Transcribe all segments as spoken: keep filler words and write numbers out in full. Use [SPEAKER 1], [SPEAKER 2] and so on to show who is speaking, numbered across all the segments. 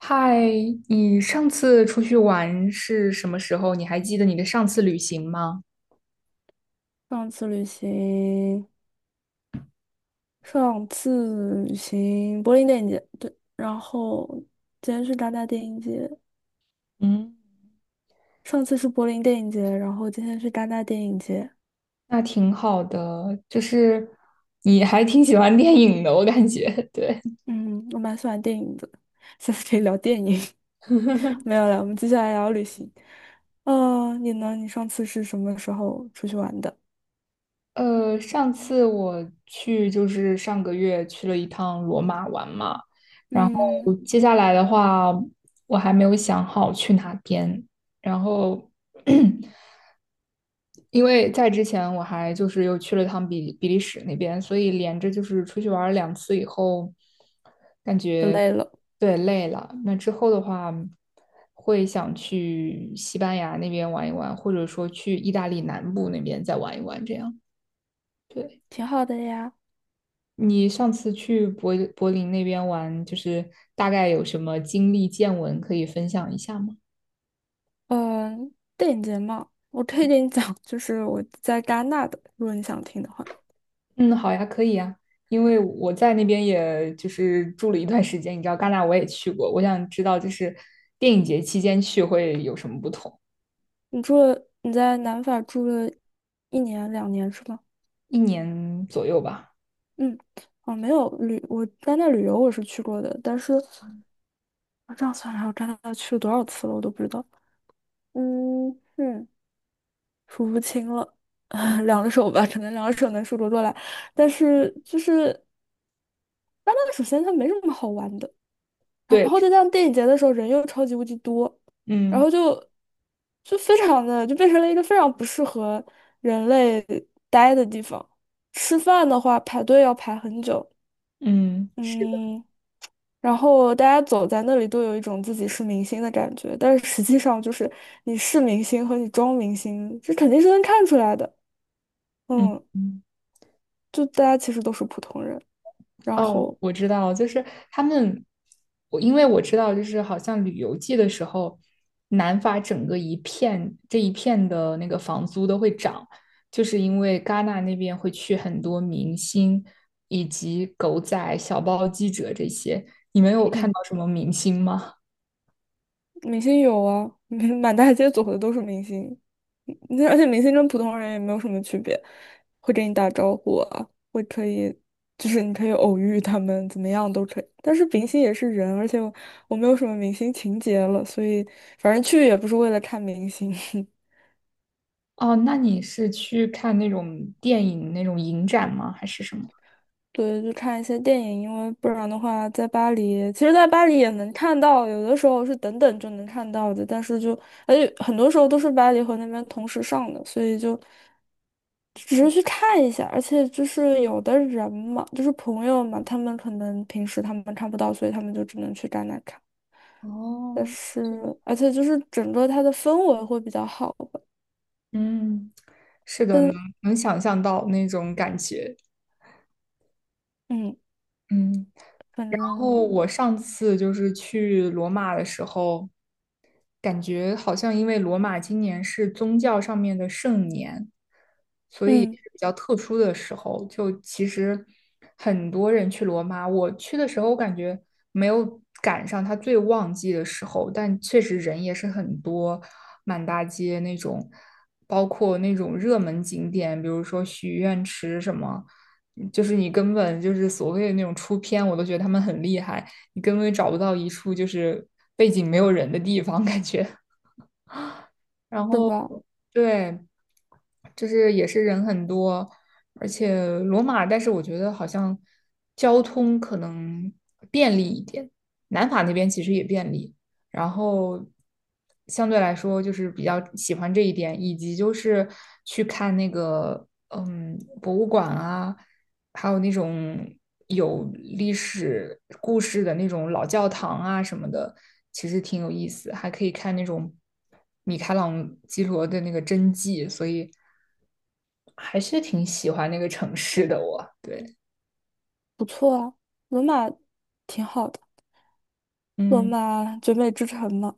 [SPEAKER 1] 嗨，你上次出去玩是什么时候？你还记得你的上次旅行吗？
[SPEAKER 2] 上次旅行，上次旅行柏林电影节，对，然后今天是戛纳电影节。
[SPEAKER 1] 嗯，
[SPEAKER 2] 上次是柏林电影节，然后今天是戛纳电影节。
[SPEAKER 1] 那挺好的，就是你还挺喜欢电影的，我感觉。对，
[SPEAKER 2] 嗯，我蛮喜欢电影的，下次可以聊电影。没有了，我们接下来聊旅行。呃，你呢？你上次是什么时候出去玩的？
[SPEAKER 1] 呃，上次我去就是上个月去了一趟罗马玩嘛，然后
[SPEAKER 2] 嗯，
[SPEAKER 1] 接下来的话我还没有想好去哪边，然后 因为在之前我还就是又去了趟比比利时那边，所以连着就是出去玩儿两次以后，感
[SPEAKER 2] 就
[SPEAKER 1] 觉
[SPEAKER 2] 累了，
[SPEAKER 1] 对，累了。那之后的话，会想去西班牙那边玩一玩，或者说去意大利南部那边再玩一玩。这样，对。
[SPEAKER 2] 挺好的呀。
[SPEAKER 1] 你上次去柏柏林那边玩，就是大概有什么经历见闻可以分享一下吗？
[SPEAKER 2] 嗯，电影节嘛，我可以给你讲，就是我在戛纳的，如果你想听的话。
[SPEAKER 1] 嗯，好呀，可以呀，因为我在那边也就是住了一段时间，你知道戛纳我也去过，我想知道就是电影节期间去会有什么不同，
[SPEAKER 2] 你住了，你在南法住了一年两年是吗？
[SPEAKER 1] 一年左右吧。
[SPEAKER 2] 嗯，哦，没有旅，我戛纳旅游我是去过的，但是我这样算来，我戛纳去了多少次了，我都不知道。嗯嗯，数不清了。两个手吧，可能两个手能数得过来。但是就是戛纳，首先它没什么好玩的，然
[SPEAKER 1] 对，
[SPEAKER 2] 后再加上电影节的时候人又超级无敌多，然
[SPEAKER 1] 嗯
[SPEAKER 2] 后就就非常的就变成了一个非常不适合人类待的地方。吃饭的话排队要排很久，
[SPEAKER 1] 嗯，是的。
[SPEAKER 2] 嗯，然后大家走在那里都有一种自己是明星的感觉，但是实际上就是你是明星和你装明星，这肯定是能看出来的。
[SPEAKER 1] 嗯。
[SPEAKER 2] 嗯，
[SPEAKER 1] 嗯，
[SPEAKER 2] 就大家其实都是普通人。然
[SPEAKER 1] 哦，
[SPEAKER 2] 后
[SPEAKER 1] 我知道，就是他们，我因为我知道，就是好像旅游季的时候，南法整个一片这一片的那个房租都会涨，就是因为戛纳那边会去很多明星以及狗仔、小报记者这些。你们有看
[SPEAKER 2] 哼，
[SPEAKER 1] 到什么明星吗？
[SPEAKER 2] 明星有啊，满大街走的都是明星。那而且明星跟普通人也没有什么区别，会跟你打招呼啊，会可以，就是你可以偶遇他们，怎么样都可以。但是明星也是人，而且我，我没有什么明星情节了，所以反正去也不是为了看明星。
[SPEAKER 1] 哦，那你是去看那种电影那种影展吗？还是什么？
[SPEAKER 2] 对，就看一些电影。因为不然的话，在巴黎，其实，在巴黎也能看到，有的时候是等等就能看到的。但是就，而且很多时候都是巴黎和那边同时上的，所以就只是去看一下，而且就是有的人嘛，就是朋友嘛，他们可能平时他们看不到，所以他们就只能去戛纳看。但
[SPEAKER 1] 哦，
[SPEAKER 2] 是，而且就是整个它的氛围会比较好吧。
[SPEAKER 1] 嗯，是的，能
[SPEAKER 2] 但
[SPEAKER 1] 能想象到那种感觉。
[SPEAKER 2] 嗯，
[SPEAKER 1] 嗯。
[SPEAKER 2] 反
[SPEAKER 1] 然后
[SPEAKER 2] 正
[SPEAKER 1] 我上次就是去罗马的时候，感觉好像因为罗马今年是宗教上面的圣年，所以也
[SPEAKER 2] 嗯，
[SPEAKER 1] 是比较特殊的时候。就其实很多人去罗马，我去的时候我感觉没有赶上他最旺季的时候，但确实人也是很多，满大街那种，包括那种热门景点，比如说许愿池什么。就是你根本就是所谓的那种出片，我都觉得他们很厉害，你根本找不到一处就是背景没有人的地方感觉。然
[SPEAKER 2] 是
[SPEAKER 1] 后，
[SPEAKER 2] 吧？
[SPEAKER 1] 对，就是也是人很多，而且罗马，但是我觉得好像交通可能便利一点，南法那边其实也便利，然后相对来说就是比较喜欢这一点，以及就是去看那个嗯博物馆啊，还有那种有历史故事的那种老教堂啊什么的，其实挺有意思，还可以看那种米开朗基罗的那个真迹，所以。还是挺喜欢那个城市的我。对，
[SPEAKER 2] 不错啊，罗马挺好的。罗
[SPEAKER 1] 嗯。
[SPEAKER 2] 马绝美之城嘛，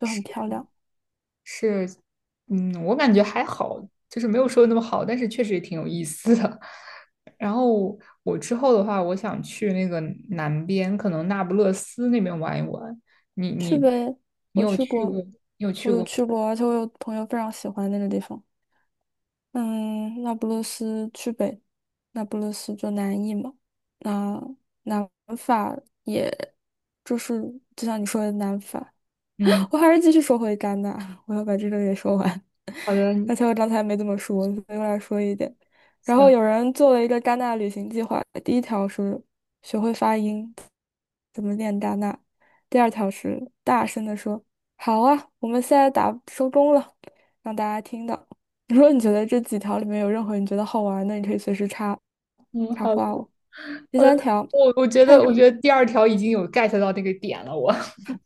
[SPEAKER 2] 就很
[SPEAKER 1] 是，
[SPEAKER 2] 漂亮，
[SPEAKER 1] 是。嗯，我感觉还好，就是没有说的那么好，但是确实也挺有意思的。然后我之后的话，我想去那个南边，可能那不勒斯那边玩一玩。你
[SPEAKER 2] 去
[SPEAKER 1] 你
[SPEAKER 2] 呗。
[SPEAKER 1] 你
[SPEAKER 2] 我
[SPEAKER 1] 有
[SPEAKER 2] 去
[SPEAKER 1] 去
[SPEAKER 2] 过，
[SPEAKER 1] 过？
[SPEAKER 2] 我有去过，而且我有朋友非常喜欢那个地方。嗯，那不勒斯去呗，那不勒斯就南意嘛。那南法也就是就像你说的南法，
[SPEAKER 1] 嗯，
[SPEAKER 2] 我还是继续说回戛纳，我要把这个也说完。
[SPEAKER 1] 好的，
[SPEAKER 2] 而且我刚才没怎么说，所以我来说一点。然后
[SPEAKER 1] 行，
[SPEAKER 2] 有人做了一个戛纳旅行计划，第一条是学会发音，怎么念戛纳；第二条是大声的说"好啊，我们现在打收工了"，让大家听到。如果你觉得这几条里面有任何你觉得好玩的，你可以随时插
[SPEAKER 1] 嗯，
[SPEAKER 2] 插
[SPEAKER 1] 好的
[SPEAKER 2] 话我。第
[SPEAKER 1] 好
[SPEAKER 2] 三
[SPEAKER 1] 的。
[SPEAKER 2] 条。
[SPEAKER 1] 我我觉得我觉得第二条已经有 get 到那个点了，我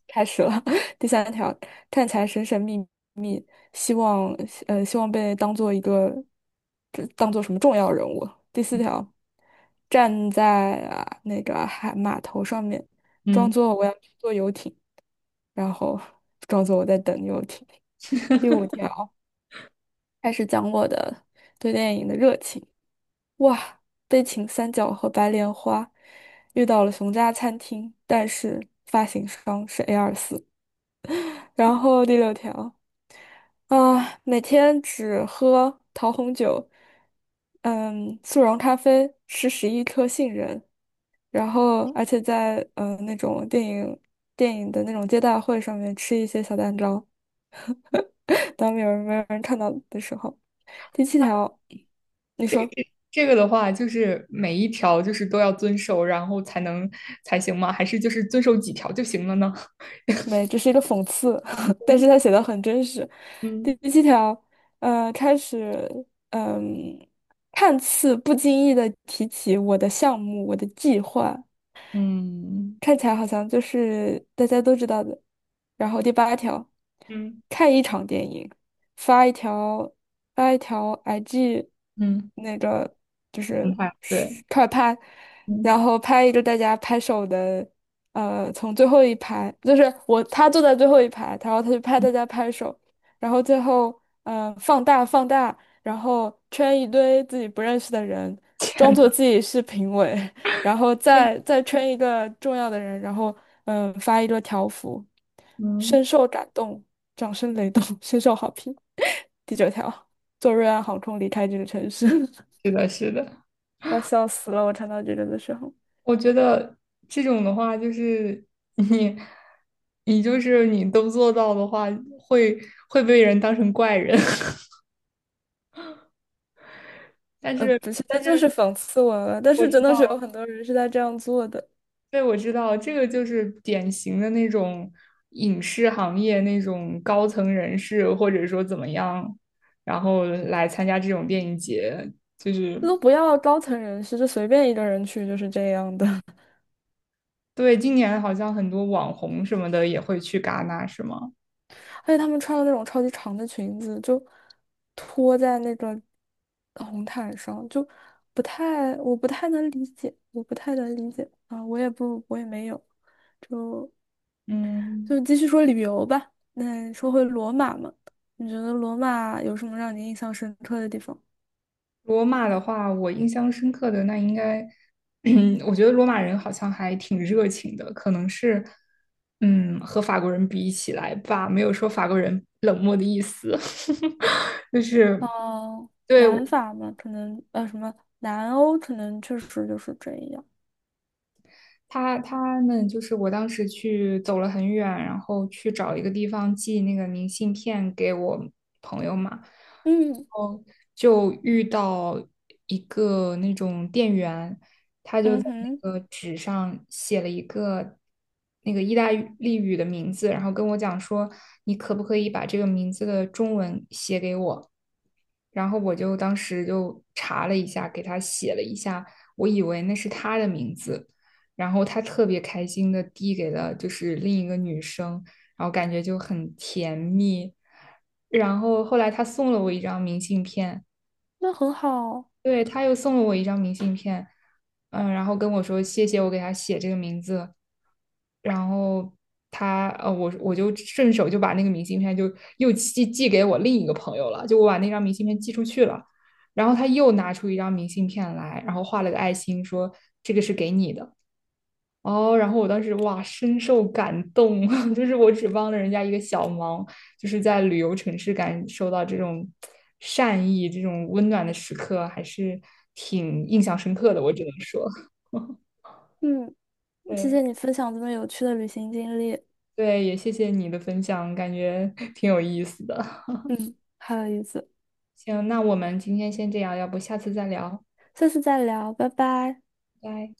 [SPEAKER 2] 开始了。第三条，看起来神神秘秘，希望呃希望被当做一个这当做什么重要人物。第四条，站在啊那个海码头上面，装
[SPEAKER 1] 嗯。
[SPEAKER 2] 作我要去坐游艇，然后装作我在等游艇。第五条，开始讲我的对电影的热情。哇，悲情三角和白莲花遇到了熊家餐厅，但是发行商是 A 二四。然后第六条。啊，每天只喝桃红酒，嗯，速溶咖啡，吃十一颗杏仁，然后而且在嗯、呃那种电影电影的那种接待会上面吃一些小蛋糕，当没有人没有人看到的时候。第七条，你说。
[SPEAKER 1] 这个的话，就是每一条就是都要遵守，然后才能才行吗？还是就是遵守几条就行了呢？
[SPEAKER 2] 没，这是一个讽刺，但是他写的很真实。第
[SPEAKER 1] 嗯
[SPEAKER 2] 七条，呃，开始，嗯、看似不经意的提起我的项目，我的计划。
[SPEAKER 1] 嗯
[SPEAKER 2] 看起来好像就是大家都知道的。然后第八条，
[SPEAKER 1] 嗯，
[SPEAKER 2] 看一场电影，发一条发一条 I G，
[SPEAKER 1] 嗯，
[SPEAKER 2] 那个就
[SPEAKER 1] 很
[SPEAKER 2] 是
[SPEAKER 1] 快，对，
[SPEAKER 2] 快拍，
[SPEAKER 1] 嗯
[SPEAKER 2] 然后拍一个大家拍手的。呃，从最后一排，就是我他坐在最后一排，然后他就拍大
[SPEAKER 1] 嗯，
[SPEAKER 2] 家拍手，然后最后呃放大放大，然后圈一堆自己不认识的人，
[SPEAKER 1] 天
[SPEAKER 2] 装
[SPEAKER 1] 呐，
[SPEAKER 2] 作 自己是评委。然后
[SPEAKER 1] 对，嗯
[SPEAKER 2] 再再圈一个重要的人，然后嗯发一个条幅，
[SPEAKER 1] 嗯，天，嗯，
[SPEAKER 2] 深受感动，掌声雷动，深受好评。第九条，坐瑞安航空离开这个城市，
[SPEAKER 1] 是的，是的。
[SPEAKER 2] 我笑死了！我看到这个的时候，
[SPEAKER 1] 我觉得这种的话，就是你你就是你都做到的话，会会被人当成怪人，但
[SPEAKER 2] 呃，
[SPEAKER 1] 是
[SPEAKER 2] 不是，这
[SPEAKER 1] 但
[SPEAKER 2] 就是
[SPEAKER 1] 是
[SPEAKER 2] 讽刺我了。但
[SPEAKER 1] 我
[SPEAKER 2] 是真
[SPEAKER 1] 知
[SPEAKER 2] 的
[SPEAKER 1] 道。
[SPEAKER 2] 是有很多人是在这样做的，
[SPEAKER 1] 对，我知道这个就是典型的那种影视行业那种高层人士，或者说怎么样，然后来参加这种电影节，就是
[SPEAKER 2] 这都不要高层人士，就随便一个人去就是这样的。
[SPEAKER 1] 对，今年好像很多网红什么的也会去戛纳，是吗？
[SPEAKER 2] 而且他们穿的那种超级长的裙子，就拖在那个红毯上，就不太，我不太能理解，我不太能理解啊，我也不，我也没有，就
[SPEAKER 1] 嗯。
[SPEAKER 2] 就继续说旅游吧。那说回罗马嘛，你觉得罗马有什么让你印象深刻的地方？
[SPEAKER 1] 罗马的话，我印象深刻的那应该，我觉得罗马人好像还挺热情的，可能是，嗯，和法国人比起来吧，没有说法国人冷漠的意思，就是
[SPEAKER 2] 哦，
[SPEAKER 1] 对，
[SPEAKER 2] 南法嘛，可能呃什么南欧，可能确实就是这样。
[SPEAKER 1] 他他们就是我当时去走了很远，然后去找一个地方寄那个明信片给我朋友嘛，
[SPEAKER 2] 嗯
[SPEAKER 1] 后就遇到一个那种店员，他就
[SPEAKER 2] 嗯
[SPEAKER 1] 在
[SPEAKER 2] 哼，
[SPEAKER 1] 那个纸上写了一个那个意大利语的名字，然后跟我讲说，你可不可以把这个名字的中文写给我？然后我就当时就查了一下，给他写了一下，我以为那是他的名字，然后他特别开心的递给了就是另一个女生，然后感觉就很甜蜜。然后后来他送了我一张明信片，
[SPEAKER 2] 那很好。
[SPEAKER 1] 对，他又送了我一张明信片，嗯，然后跟我说谢谢我给他写这个名字，然后他呃，我我就顺手就把那个明信片就又寄寄给我另一个朋友了，就我把那张明信片寄出去了，然后他又拿出一张明信片来，然后画了个爱心，说这个是给你的。哦，然后我当时哇，深受感动，就是我只帮了人家一个小忙，就是在旅游城市感受到这种善意、这种温暖的时刻，还是挺印象深刻的，我只能说。
[SPEAKER 2] 嗯，谢
[SPEAKER 1] 对
[SPEAKER 2] 谢你分享这么有趣的旅行经历。
[SPEAKER 1] 对，也谢谢你的分享，感觉 挺有意思的。
[SPEAKER 2] 嗯，好有意思，
[SPEAKER 1] 行，那我们今天先这样，要不下次再聊，
[SPEAKER 2] 下次再聊，拜拜。
[SPEAKER 1] 拜拜。